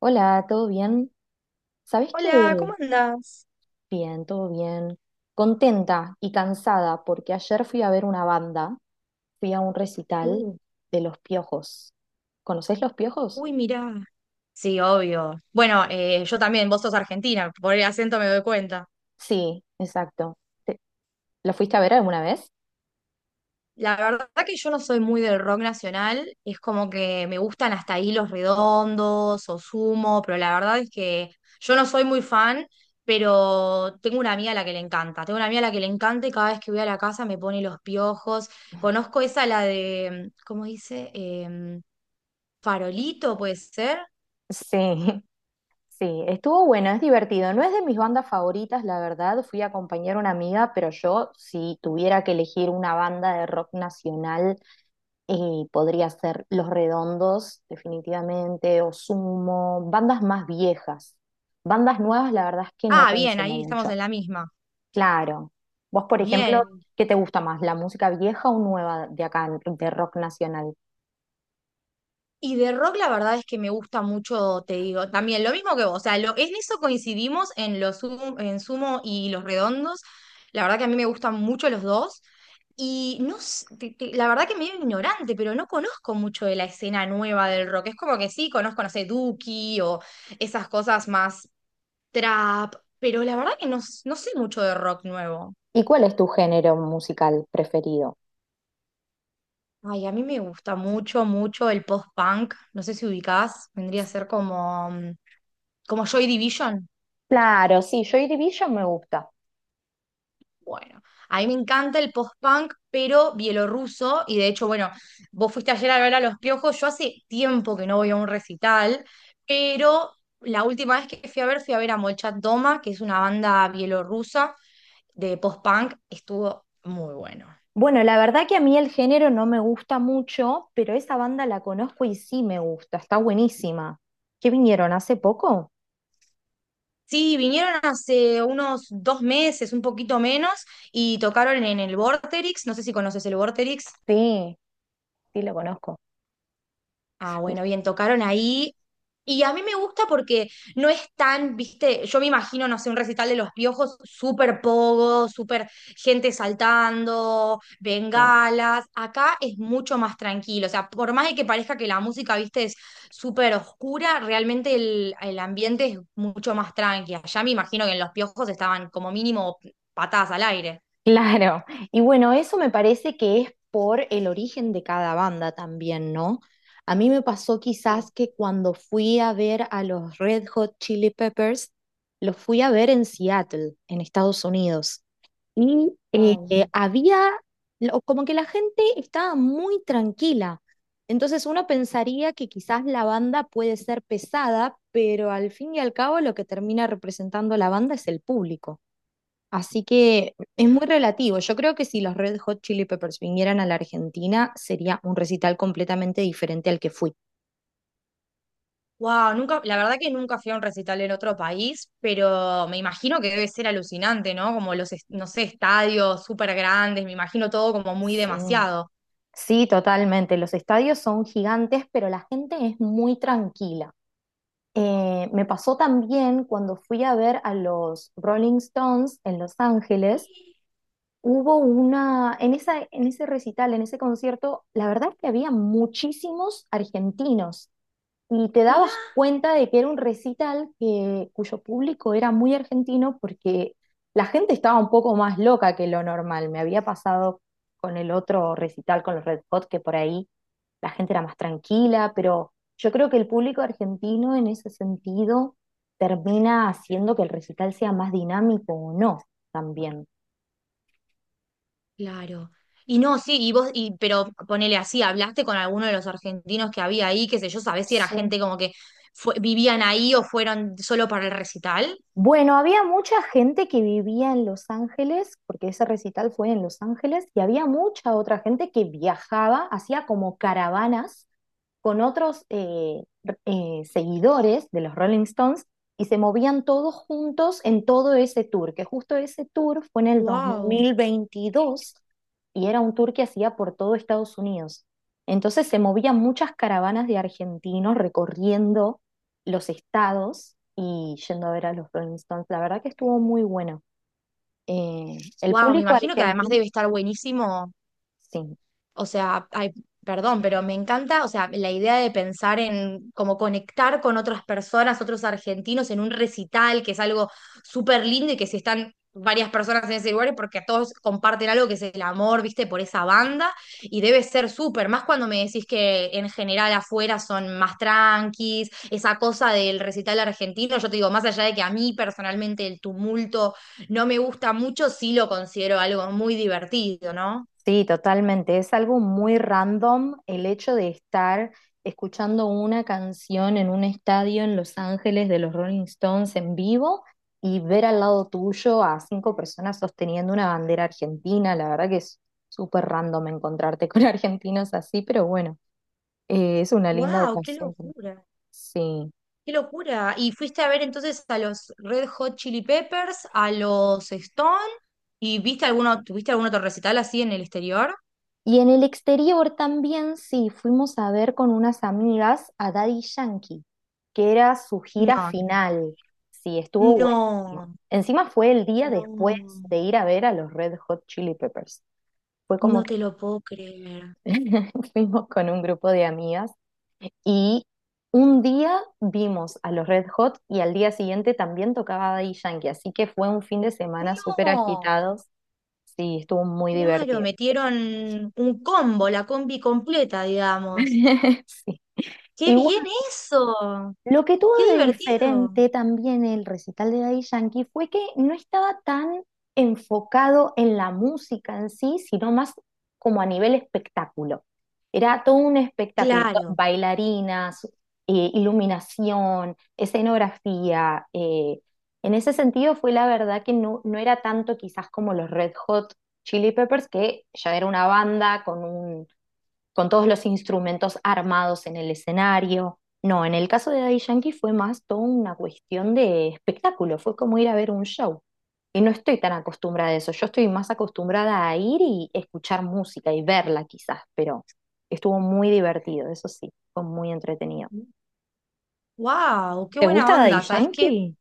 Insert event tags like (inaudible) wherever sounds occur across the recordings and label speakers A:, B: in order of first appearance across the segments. A: Hola, ¿todo bien? ¿Sabés
B: Hola,
A: qué?
B: ¿cómo andás?
A: Bien, todo bien. Contenta y cansada porque ayer fui a ver una banda, fui a un recital
B: Uh,
A: de Los Piojos. ¿Conocés Los Piojos?
B: Uy, mirá. Sí, obvio. Bueno, yo también, vos sos argentina, por el acento me doy cuenta.
A: Sí, exacto. Te- ¿Lo fuiste a ver alguna vez?
B: La verdad que yo no soy muy del rock nacional, es como que me gustan hasta ahí Los Redondos o Sumo, pero la verdad es que yo no soy muy fan, pero tengo una amiga a la que le encanta. Tengo una amiga a la que le encanta y cada vez que voy a la casa me pone los piojos. Conozco esa, la de, ¿cómo dice? Farolito, puede ser.
A: Sí, (laughs) sí, estuvo bueno, es divertido. No es de mis bandas favoritas, la verdad. Fui a acompañar a una amiga, pero yo, si tuviera que elegir una banda de rock nacional, y podría ser Los Redondos, definitivamente, o Sumo, bandas más viejas. Bandas nuevas, la verdad es que no
B: Ah, bien,
A: consumo
B: ahí estamos
A: mucho.
B: en la misma.
A: Claro. Vos, por ejemplo,
B: Bien.
A: ¿qué te gusta más, la música vieja o nueva de acá, de rock nacional?
B: Y de rock la verdad es que me gusta mucho, te digo, también lo mismo que vos, o sea, en eso coincidimos en en Sumo y Los Redondos, la verdad que a mí me gustan mucho los dos, y no, la verdad que medio ignorante, pero no conozco mucho de la escena nueva del rock, es como que sí, conozco, no sé, Duki o esas cosas más trap, pero la verdad que no, no sé mucho de rock nuevo.
A: ¿Y cuál es tu género musical preferido?
B: Ay, a mí me gusta mucho, mucho el post-punk. No sé si ubicás, vendría a ser como, como Joy Division.
A: Claro, sí, Joy Division me gusta.
B: Bueno, a mí me encanta el post-punk, pero bielorruso. Y de hecho, bueno, vos fuiste ayer a ver a Los Piojos. Yo hace tiempo que no voy a un recital, pero la última vez que fui a ver a Molchat Doma, que es una banda bielorrusa de post-punk. Estuvo muy bueno.
A: Bueno, la verdad que a mí el género no me gusta mucho, pero esa banda la conozco y sí me gusta, está buenísima. ¿Qué vinieron hace poco?
B: Sí, vinieron hace unos 2 meses, un poquito menos, y tocaron en el Vorterix, no sé si conoces el Vorterix.
A: Sí, sí, lo conozco.
B: Ah, bueno, bien, tocaron ahí. Y a mí me gusta porque no es tan, viste, yo me imagino, no sé, un recital de Los Piojos, súper pogo, súper gente saltando,
A: Sí,
B: bengalas. Acá es mucho más tranquilo. O sea, por más de que parezca que la música, viste, es súper oscura, realmente el ambiente es mucho más tranqui. Allá me imagino que en Los Piojos estaban como mínimo patadas al aire.
A: claro. Y bueno, eso me parece que es por el origen de cada banda también, ¿no? A mí me pasó
B: Sí.
A: quizás que cuando fui a ver a los Red Hot Chili Peppers, los fui a ver en Seattle, en Estados Unidos. Y
B: Wow.
A: había, como que la gente estaba muy tranquila. Entonces uno pensaría que quizás la banda puede ser pesada, pero al fin y al cabo lo que termina representando la banda es el público. Así que es muy relativo. Yo creo que si los Red Hot Chili Peppers vinieran a la Argentina, sería un recital completamente diferente al que fui.
B: Wow, nunca, la verdad que nunca fui a un recital en otro país, pero me imagino que debe ser alucinante, ¿no? Como los, no sé, estadios súper grandes, me imagino todo como muy
A: Sí,
B: demasiado.
A: sí, totalmente. Los estadios son gigantes, pero la gente es muy tranquila. Me pasó también cuando fui a ver a los Rolling Stones en Los Ángeles. En esa, en ese recital, en ese concierto, la verdad es que había muchísimos argentinos, y te
B: Mirá,
A: dabas cuenta de que era un recital que, cuyo público era muy argentino porque la gente estaba un poco más loca que lo normal. Me había pasado con el otro recital, con los Red Hot, que por ahí la gente era más tranquila, pero yo creo que el público argentino en ese sentido termina haciendo que el recital sea más dinámico o no también.
B: claro. Y no, sí, y vos, pero ponele así, ¿hablaste con alguno de los argentinos que había ahí? Qué sé yo, ¿sabés si era
A: Sí.
B: gente como que vivían ahí o fueron solo para el recital?
A: Bueno, había mucha gente que vivía en Los Ángeles, porque ese recital fue en Los Ángeles, y había mucha otra gente que viajaba, hacía como caravanas con otros seguidores de los Rolling Stones y se movían todos juntos en todo ese tour, que justo ese tour fue en el dos
B: Wow,
A: mil veintidós y era un tour que hacía por todo Estados Unidos. Entonces se movían muchas caravanas de argentinos recorriendo los estados y yendo a ver a los Rolling Stones. La verdad que estuvo muy bueno. El
B: wow, me
A: público
B: imagino que además
A: argentino,
B: debe estar buenísimo.
A: sí,
B: O sea, ay, perdón, pero me encanta, o sea, la idea de pensar en cómo conectar con otras personas, otros argentinos en un recital, que es algo súper lindo y que si están varias personas en ese lugar es porque todos comparten algo que es el amor, viste, por esa banda, y debe ser súper, más cuando me decís que en general afuera son más tranquis, esa cosa del recital argentino, yo te digo, más allá de que a mí personalmente el tumulto no me gusta mucho, sí lo considero algo muy divertido, ¿no?
A: sí, totalmente. Es algo muy random el hecho de estar escuchando una canción en un estadio en Los Ángeles de los Rolling Stones en vivo y ver al lado tuyo a cinco personas sosteniendo una bandera argentina. La verdad que es súper random encontrarte con (laughs) argentinos así, pero bueno, es una linda
B: Wow, qué
A: ocasión.
B: locura,
A: Sí.
B: qué locura. ¿Y fuiste a ver entonces a los Red Hot Chili Peppers, a los Stone y viste alguno, tuviste algún otro recital así en el exterior?
A: Y en el exterior también sí, fuimos a ver con unas amigas a Daddy Yankee, que era su gira
B: No,
A: final. Sí, estuvo buenísimo.
B: no,
A: Encima fue el día después
B: no,
A: de ir a ver a los Red Hot Chili Peppers. Fue como
B: no
A: que
B: te lo puedo creer.
A: (laughs) fuimos con un grupo de amigas y un día vimos a los Red Hot y al día siguiente también tocaba Daddy Yankee, así que fue un fin de semana súper
B: No,
A: agitados. Sí, estuvo muy
B: claro,
A: divertido.
B: metieron un combo, la combi completa, digamos.
A: (laughs) Sí.
B: ¡Qué bien
A: Igual
B: eso!
A: lo que tuvo
B: ¡Qué
A: de
B: divertido!
A: diferente también el recital de Daddy Yankee fue que no estaba tan enfocado en la música en sí, sino más como a nivel espectáculo. Era todo un espectáculo,
B: Claro.
A: bailarinas, iluminación, escenografía. En ese sentido fue la verdad que no era tanto quizás como los Red Hot Chili Peppers, que ya era una banda con todos los instrumentos armados en el escenario. No, en el caso de Daddy Yankee fue más toda una cuestión de espectáculo, fue como ir a ver un show. Y no estoy tan acostumbrada a eso, yo estoy más acostumbrada a ir y escuchar música y verla quizás, pero estuvo muy divertido, eso sí, fue muy entretenido.
B: Wow, qué
A: ¿Te
B: buena
A: gusta Daddy
B: onda. ¿Sabes qué?
A: Yankee?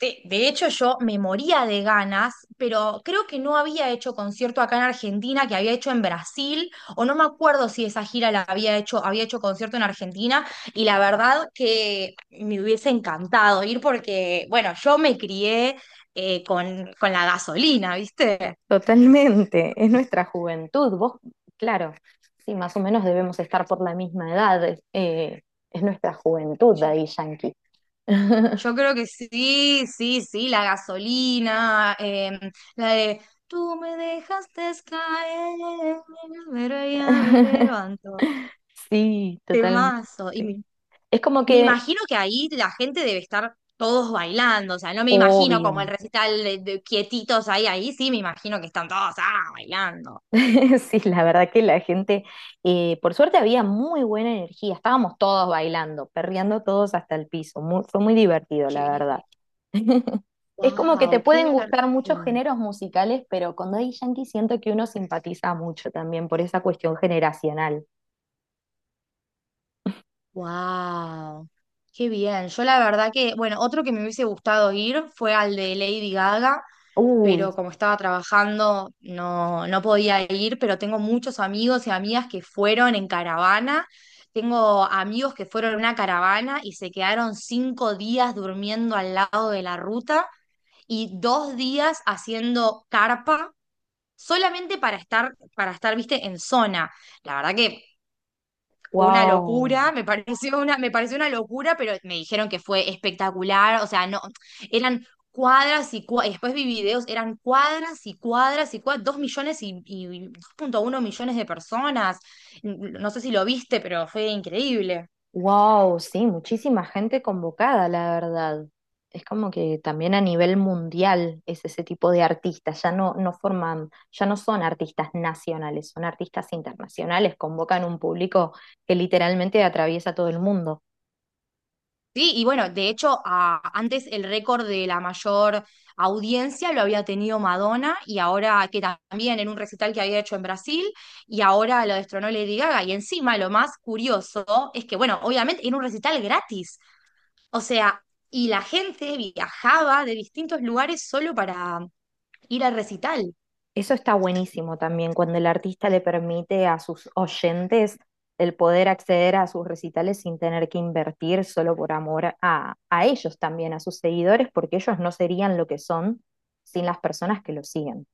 B: De hecho, yo me moría de ganas, pero creo que no había hecho concierto acá en Argentina, que había hecho en Brasil, o no me acuerdo si esa gira la había hecho concierto en Argentina, y la verdad que me hubiese encantado ir porque, bueno, yo me crié con la gasolina, ¿viste?
A: Totalmente, es nuestra juventud, vos, claro, sí, más o menos debemos estar por la misma edad, es nuestra juventud
B: Yo
A: Daddy Yankee.
B: yo
A: (laughs)
B: creo que sí, sí, sí, la gasolina, la de... Tú me dejaste caer, pero ya me
A: (laughs)
B: levanto.
A: Sí, totalmente.
B: Temazo. Y
A: Es como
B: me
A: que,
B: imagino que ahí la gente debe estar todos bailando, o sea, no me imagino como el
A: obvio,
B: recital de, quietitos ahí sí me imagino que están todos bailando.
A: (laughs) sí, la verdad que la gente, por suerte había muy buena energía, estábamos todos bailando, perreando todos hasta el piso, fue muy divertido, la
B: Qué bien.
A: verdad. (laughs) Es como que te
B: Wow, qué
A: pueden gustar muchos
B: divertido.
A: géneros musicales, pero con Daddy Yankee siento que uno simpatiza mucho también por esa cuestión generacional.
B: Wow, qué bien. Yo la verdad que, bueno, otro que me hubiese gustado ir fue al de Lady Gaga,
A: Uy,
B: pero como estaba trabajando no, no podía ir, pero tengo muchos amigos y amigas que fueron en caravana. Tengo amigos que fueron en una caravana y se quedaron 5 días durmiendo al lado de la ruta y 2 días haciendo carpa solamente para estar, viste, en zona. La verdad que una
A: wow.
B: locura, me pareció una locura, pero me dijeron que fue espectacular, o sea, no, eran cuadras y después vi videos, eran cuadras y cuadras y cuadras, 2 millones y 2,1 millones de personas, no sé si lo viste, pero fue increíble.
A: Wow, sí, muchísima gente convocada, la verdad. Es como que también a nivel mundial es ese tipo de artistas, ya no forman, ya no son artistas nacionales, son artistas internacionales, convocan un público que literalmente atraviesa todo el mundo.
B: Sí, y bueno, de hecho, antes el récord de la mayor audiencia lo había tenido Madonna y ahora que también en un recital que había hecho en Brasil y ahora lo destronó Lady Gaga. Y encima lo más curioso es que, bueno, obviamente era un recital gratis. O sea, y la gente viajaba de distintos lugares solo para ir al recital.
A: Eso está buenísimo también, cuando el artista le permite a sus oyentes el poder acceder a sus recitales sin tener que invertir solo por amor a ellos también, a sus seguidores, porque ellos no serían lo que son sin las personas que los siguen.